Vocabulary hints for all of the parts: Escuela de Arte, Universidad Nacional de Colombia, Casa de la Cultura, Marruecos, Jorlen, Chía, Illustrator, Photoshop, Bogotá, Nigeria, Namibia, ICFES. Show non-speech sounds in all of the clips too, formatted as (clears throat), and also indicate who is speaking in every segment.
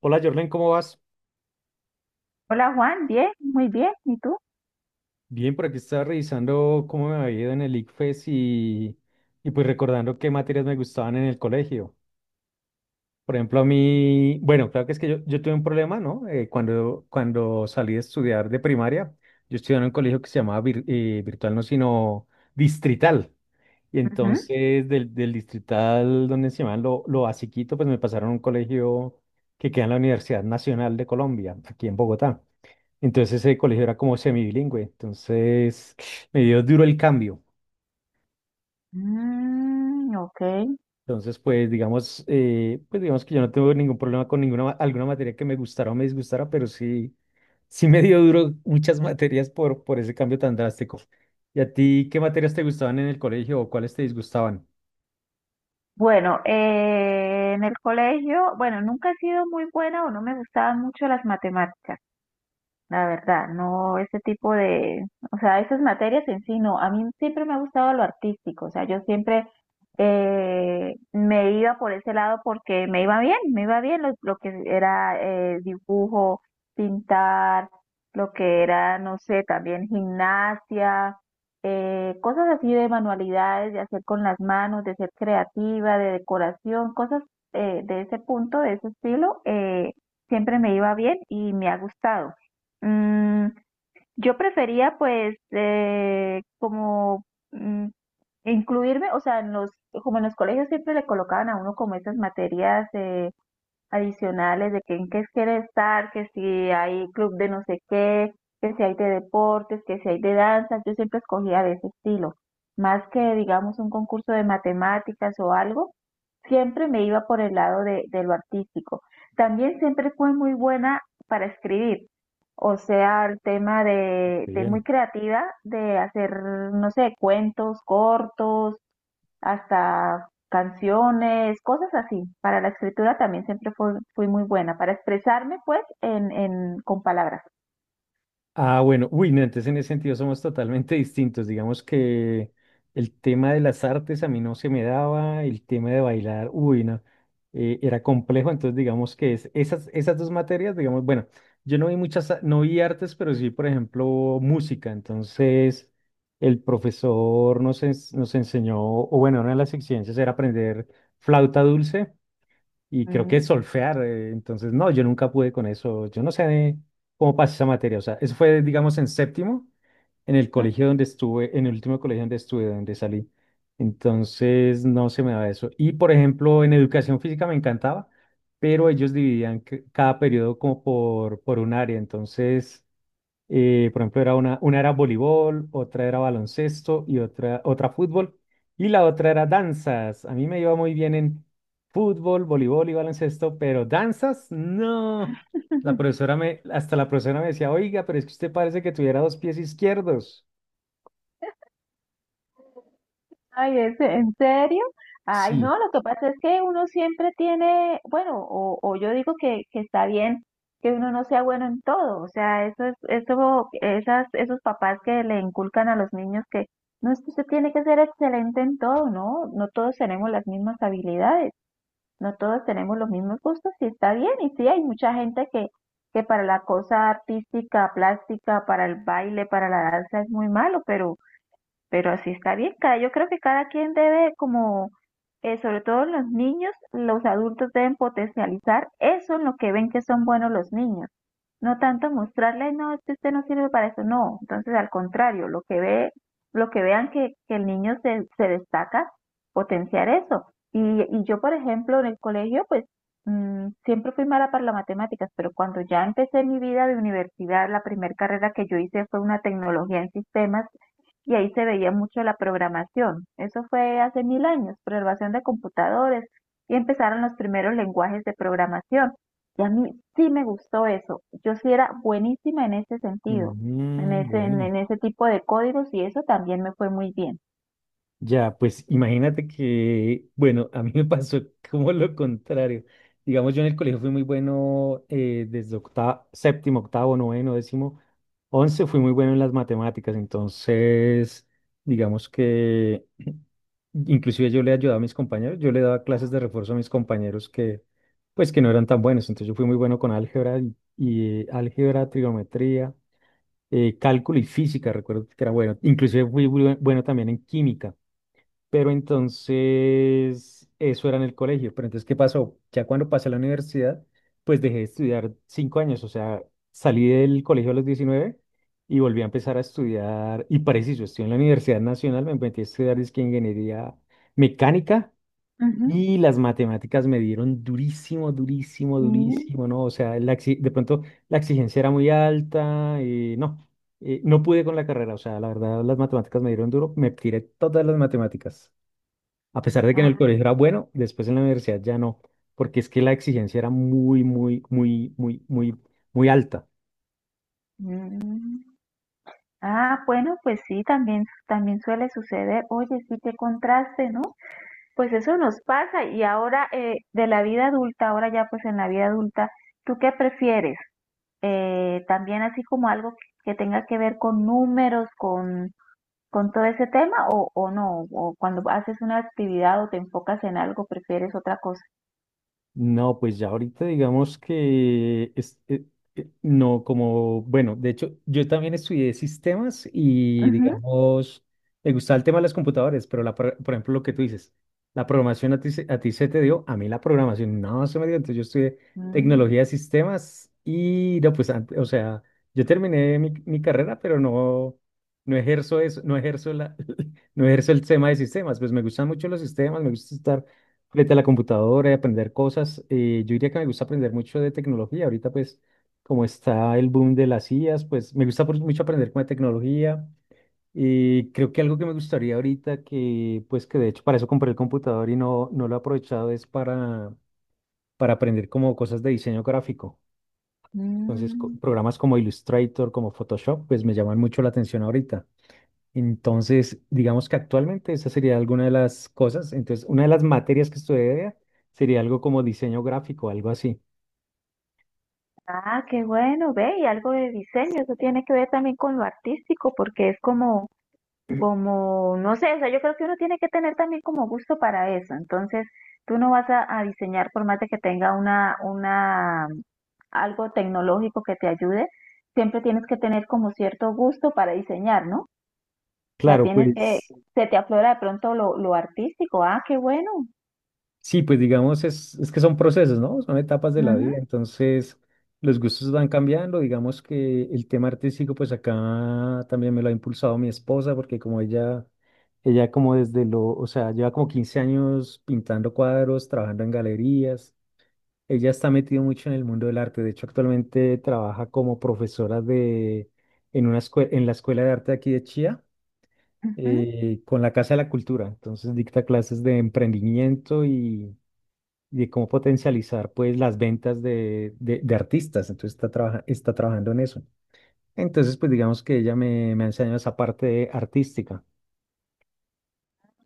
Speaker 1: Hola Jorlen, ¿cómo vas?
Speaker 2: Hola Juan, bien, muy bien. ¿Y tú?
Speaker 1: Bien, por aquí estaba revisando cómo me había ido en el ICFES y pues recordando qué materias me gustaban en el colegio. Por ejemplo, a mí, bueno, claro que es que yo tuve un problema, ¿no? Cuando salí de estudiar de primaria, yo estudiaba en un colegio que se llamaba virtual, no, sino distrital. Y
Speaker 2: Ujú.
Speaker 1: entonces del distrital donde se llamaban lo basiquito, pues me pasaron a un colegio que queda en la Universidad Nacional de Colombia, aquí en Bogotá. Entonces ese colegio era como semibilingüe, entonces (sniffs) me dio duro el cambio.
Speaker 2: Mm, ok.
Speaker 1: Entonces, pues digamos que yo no tengo ningún problema con ninguna alguna materia que me gustara o me disgustara, pero sí, sí me dio duro muchas materias por ese cambio tan drástico. ¿Y a ti qué materias te gustaban en el colegio o cuáles te disgustaban?
Speaker 2: Bueno, en el colegio, bueno, nunca he sido muy buena o no me gustaban mucho las matemáticas. La verdad, no ese tipo de, o sea, esas materias en sí, no, a mí siempre me ha gustado lo artístico, o sea, yo siempre me iba por ese lado porque me iba bien lo que era dibujo, pintar, lo que era, no sé, también gimnasia, cosas así de manualidades, de hacer con las manos, de ser creativa, de decoración, cosas de ese punto, de ese estilo, siempre me iba bien y me ha gustado. Mm, yo prefería pues como mm, incluirme, o sea, en los, como en los colegios siempre le colocaban a uno como esas materias adicionales de que en qué quieres estar, que si hay club de no sé qué, que si hay de deportes, que si hay de danza, yo siempre escogía de ese estilo. Más que, digamos, un concurso de matemáticas o algo, siempre me iba por el lado de, lo artístico. También siempre fue muy buena para escribir, o sea, el tema de, muy
Speaker 1: Bien.
Speaker 2: creativa, de hacer, no sé, cuentos cortos, hasta canciones, cosas así. Para la escritura también siempre fui, muy buena, para expresarme pues en, con palabras.
Speaker 1: Ah, bueno, uy, no, entonces en ese sentido somos totalmente (laughs) distintos. Digamos que el tema de las artes a mí no se me daba, el tema de bailar, uy, no, era complejo. Entonces, digamos que esas dos materias, digamos, bueno, yo no vi muchas, no vi artes, pero sí, por ejemplo, música. Entonces, el profesor nos enseñó, o bueno, una de las exigencias era aprender flauta dulce y creo que
Speaker 2: Mm.
Speaker 1: es solfear, entonces no, yo nunca pude con eso, yo no sé cómo pasé esa materia, o sea, eso fue, digamos, en séptimo, en el colegio donde estuve, en el último colegio donde estuve, donde salí, entonces no se me daba eso. Y, por ejemplo, en educación física me encantaba, pero ellos dividían cada periodo como por un área, entonces... Por ejemplo, era una era voleibol, otra era baloncesto y otra fútbol. Y la otra era danzas. A mí me iba muy bien en fútbol, voleibol y baloncesto, pero danzas, no. Hasta la profesora me decía, oiga, pero es que usted parece que tuviera dos pies izquierdos.
Speaker 2: Ay, ¿en serio? Ay,
Speaker 1: Sí.
Speaker 2: no, lo que pasa es que uno siempre tiene, bueno, o, yo digo que, está bien que uno no sea bueno en todo, o sea, eso es, eso, esas, esos papás que le inculcan a los niños que no es que usted tiene que ser excelente en todo, no, no todos tenemos las mismas habilidades, no todos tenemos los mismos gustos y está bien, y sí, hay mucha gente que, para la cosa artística, plástica, para el baile, para la danza es muy malo, pero así está bien, cada, yo creo que cada quien debe como, sobre todo los niños, los adultos deben potencializar eso en lo que ven que son buenos los niños. No tanto mostrarle, no, este usted no sirve para eso, no. Entonces, al contrario, lo que ve, lo que vean que, el niño se, destaca, potenciar eso. Y, y, yo, por ejemplo, en el colegio, pues siempre fui mala para las matemáticas, pero cuando ya empecé mi vida de universidad, la primera carrera que yo hice fue una tecnología en sistemas y ahí se veía mucho la programación. Eso fue hace mil años, programación de computadores y empezaron los primeros lenguajes de programación. Y a mí sí me gustó eso. Yo sí era buenísima en ese sentido, en
Speaker 1: Mm,
Speaker 2: ese,
Speaker 1: bueno.
Speaker 2: en ese tipo de códigos y eso también me fue muy bien.
Speaker 1: Ya, pues imagínate que, bueno, a mí me pasó (laughs) como lo contrario. Digamos, yo en el colegio fui muy bueno desde séptimo, octavo, noveno, décimo, once, fui muy bueno en las matemáticas. Entonces, digamos que (clears throat) inclusive yo le ayudaba a mis compañeros, yo le daba clases de refuerzo a mis compañeros que, pues, que no eran tan buenos. Entonces yo fui muy bueno con álgebra, trigonometría, cálculo y física, recuerdo que era bueno. Inclusive fui muy bueno también en química. Pero entonces, eso era en el colegio. Pero entonces, ¿qué pasó? Ya cuando pasé a la universidad, pues dejé de estudiar cinco años. O sea, salí del colegio a los 19 y volví a empezar a estudiar. Y preciso, estoy en la Universidad Nacional, me metí a estudiar dizque ingeniería mecánica
Speaker 2: Ujú,
Speaker 1: y las matemáticas me dieron durísimo, durísimo,
Speaker 2: sí.
Speaker 1: durísimo, ¿no? O sea, de pronto la exigencia era muy alta y no. No pude con la carrera, o sea, la verdad las matemáticas me dieron duro, me tiré todas las matemáticas. A pesar de que en el
Speaker 2: Ah,
Speaker 1: colegio era bueno, después en la universidad ya no, porque es que la exigencia era muy, muy, muy, muy, muy, muy alta.
Speaker 2: mm. Ah, bueno, pues sí, también, suele suceder. Oye, sí, qué contraste, ¿no? Pues eso nos pasa y ahora de la vida adulta, ahora ya pues en la vida adulta, ¿tú qué prefieres? También así como algo que tenga que ver con números, con todo ese tema ¿o no? ¿O cuando haces una actividad o te enfocas en algo, prefieres otra cosa?
Speaker 1: No, pues ya ahorita digamos que no como, bueno, de hecho yo también estudié sistemas y
Speaker 2: Ujú.
Speaker 1: digamos, me gustaba el tema de las computadoras, pero por ejemplo lo que tú dices, la programación a ti se te dio, a mí la programación no se me dio, entonces yo estudié
Speaker 2: Mm,
Speaker 1: tecnología de sistemas y no, pues, o sea, yo terminé mi carrera, pero no, no ejerzo eso, no ejerzo la, (laughs) no ejerzo el tema de sistemas, pues me gustan mucho los sistemas, me gusta estar frente a la computadora y aprender cosas. Yo diría que me gusta aprender mucho de tecnología. Ahorita, pues, como está el boom de las IAs, pues me gusta mucho aprender con la tecnología. Y creo que algo que me gustaría ahorita, que pues que de hecho para eso compré el computador y no, no lo he aprovechado, es para aprender como cosas de diseño gráfico. Entonces,
Speaker 2: mm.
Speaker 1: programas como Illustrator, como Photoshop, pues me llaman mucho la atención ahorita. Entonces, digamos que actualmente esa sería alguna de las cosas. Entonces, una de las materias que estudiaría sería algo como diseño gráfico, algo así.
Speaker 2: Ah, qué bueno, ve, y algo de diseño, eso tiene que ver también con lo artístico, porque es como, no sé, o sea, yo creo que uno tiene que tener también como gusto para eso. Entonces, tú no vas a, diseñar por más de que tenga una, algo tecnológico que te ayude, siempre tienes que tener como cierto gusto para diseñar, ¿no? O sea,
Speaker 1: Claro,
Speaker 2: tienes que,
Speaker 1: pues
Speaker 2: se te aflora de pronto lo, artístico. Ah, qué bueno.
Speaker 1: sí, pues digamos, es que son procesos, ¿no? Son etapas de la
Speaker 2: Ujú,
Speaker 1: vida. Entonces, los gustos van cambiando. Digamos que el tema artístico, pues acá también me lo ha impulsado mi esposa, porque como ella como desde lo, o sea, lleva como 15 años pintando cuadros, trabajando en galerías. Ella está metida mucho en el mundo del arte. De hecho, actualmente trabaja como profesora de, en una en la Escuela de Arte de aquí de Chía,
Speaker 2: ujú.
Speaker 1: con la Casa de la Cultura. Entonces, dicta clases de emprendimiento y de cómo potencializar, pues, las ventas de artistas. Entonces, está trabajando en eso. Entonces, pues, digamos que me ha enseñado esa parte artística.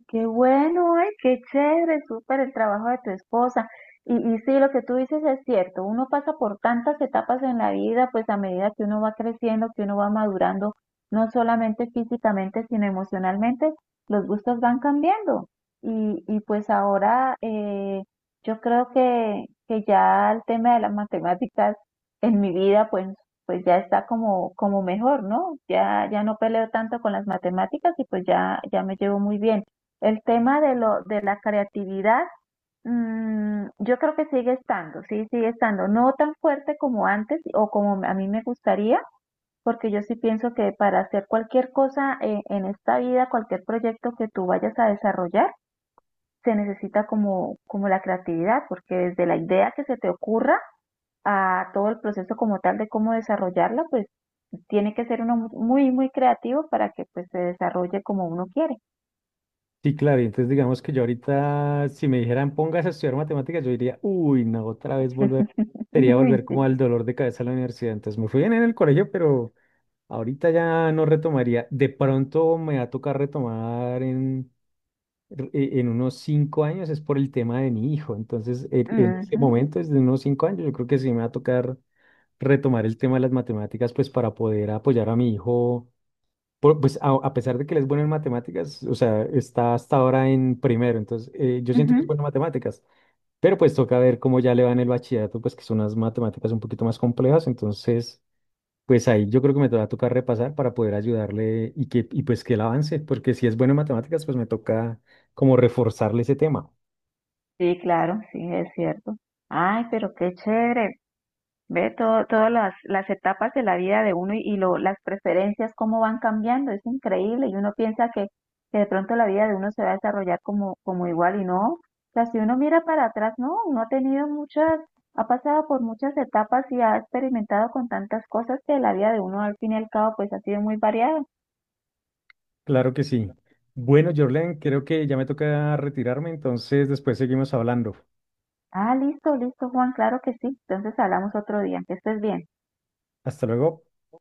Speaker 2: Qué bueno, ay, qué chévere, súper el trabajo de tu esposa. Y, sí, lo que tú dices es cierto, uno pasa por tantas etapas en la vida, pues a medida que uno va creciendo, que uno va madurando, no solamente físicamente, sino emocionalmente, los gustos van cambiando. Y pues ahora yo creo que, ya el tema de las matemáticas en mi vida, pues, ya está como, mejor, ¿no? Ya, ya no peleo tanto con las matemáticas y pues ya, ya me llevo muy bien. El tema de lo de la creatividad, yo creo que sigue estando, sí, sigue estando, no tan fuerte como antes o como a mí me gustaría, porque yo sí pienso que para hacer cualquier cosa en esta vida, cualquier proyecto que tú vayas a desarrollar, se necesita como, la creatividad, porque desde la idea que se te ocurra a todo el proceso como tal de cómo desarrollarla, pues tiene que ser uno muy, muy creativo para que pues se desarrolle como uno quiere.
Speaker 1: Sí, claro, y entonces digamos que yo ahorita, si me dijeran pongas a estudiar matemáticas, yo diría, uy, no, otra vez volver, sería
Speaker 2: (laughs)
Speaker 1: volver como
Speaker 2: Sí.
Speaker 1: al dolor de cabeza a la universidad. Entonces me fui bien en el colegio, pero ahorita ya no retomaría. De pronto me va a tocar retomar en unos cinco años, es por el tema de mi hijo. Entonces, en ese
Speaker 2: Ujú,
Speaker 1: momento, desde unos cinco años, yo creo que sí me va a tocar retomar el tema de las matemáticas, pues para poder apoyar a mi hijo pues a pesar de que él es bueno en matemáticas, o sea, está hasta ahora en primero, entonces yo siento que es
Speaker 2: ujú.
Speaker 1: bueno en matemáticas, pero pues toca ver cómo ya le va en el bachillerato, pues que son unas matemáticas un poquito más complejas, entonces pues ahí yo creo que me va a tocar repasar para poder ayudarle y que y pues que él avance, porque si es bueno en matemáticas, pues me toca como reforzarle ese tema.
Speaker 2: Sí, claro, sí, es cierto. Ay, pero qué chévere. Ve todas las, etapas de la vida de uno y las preferencias, cómo van cambiando. Es increíble. Y uno piensa que, de pronto la vida de uno se va a desarrollar como, igual y no. O sea, si uno mira para atrás, no, uno ha tenido muchas, ha pasado por muchas etapas y ha experimentado con tantas cosas que la vida de uno al fin y al cabo pues ha sido muy variada.
Speaker 1: Claro que sí. Bueno, Jorlen, creo que ya me toca retirarme, entonces después seguimos hablando.
Speaker 2: Ah, listo, listo, Juan, claro que sí. Entonces hablamos otro día. Que estés bien.
Speaker 1: Hasta luego.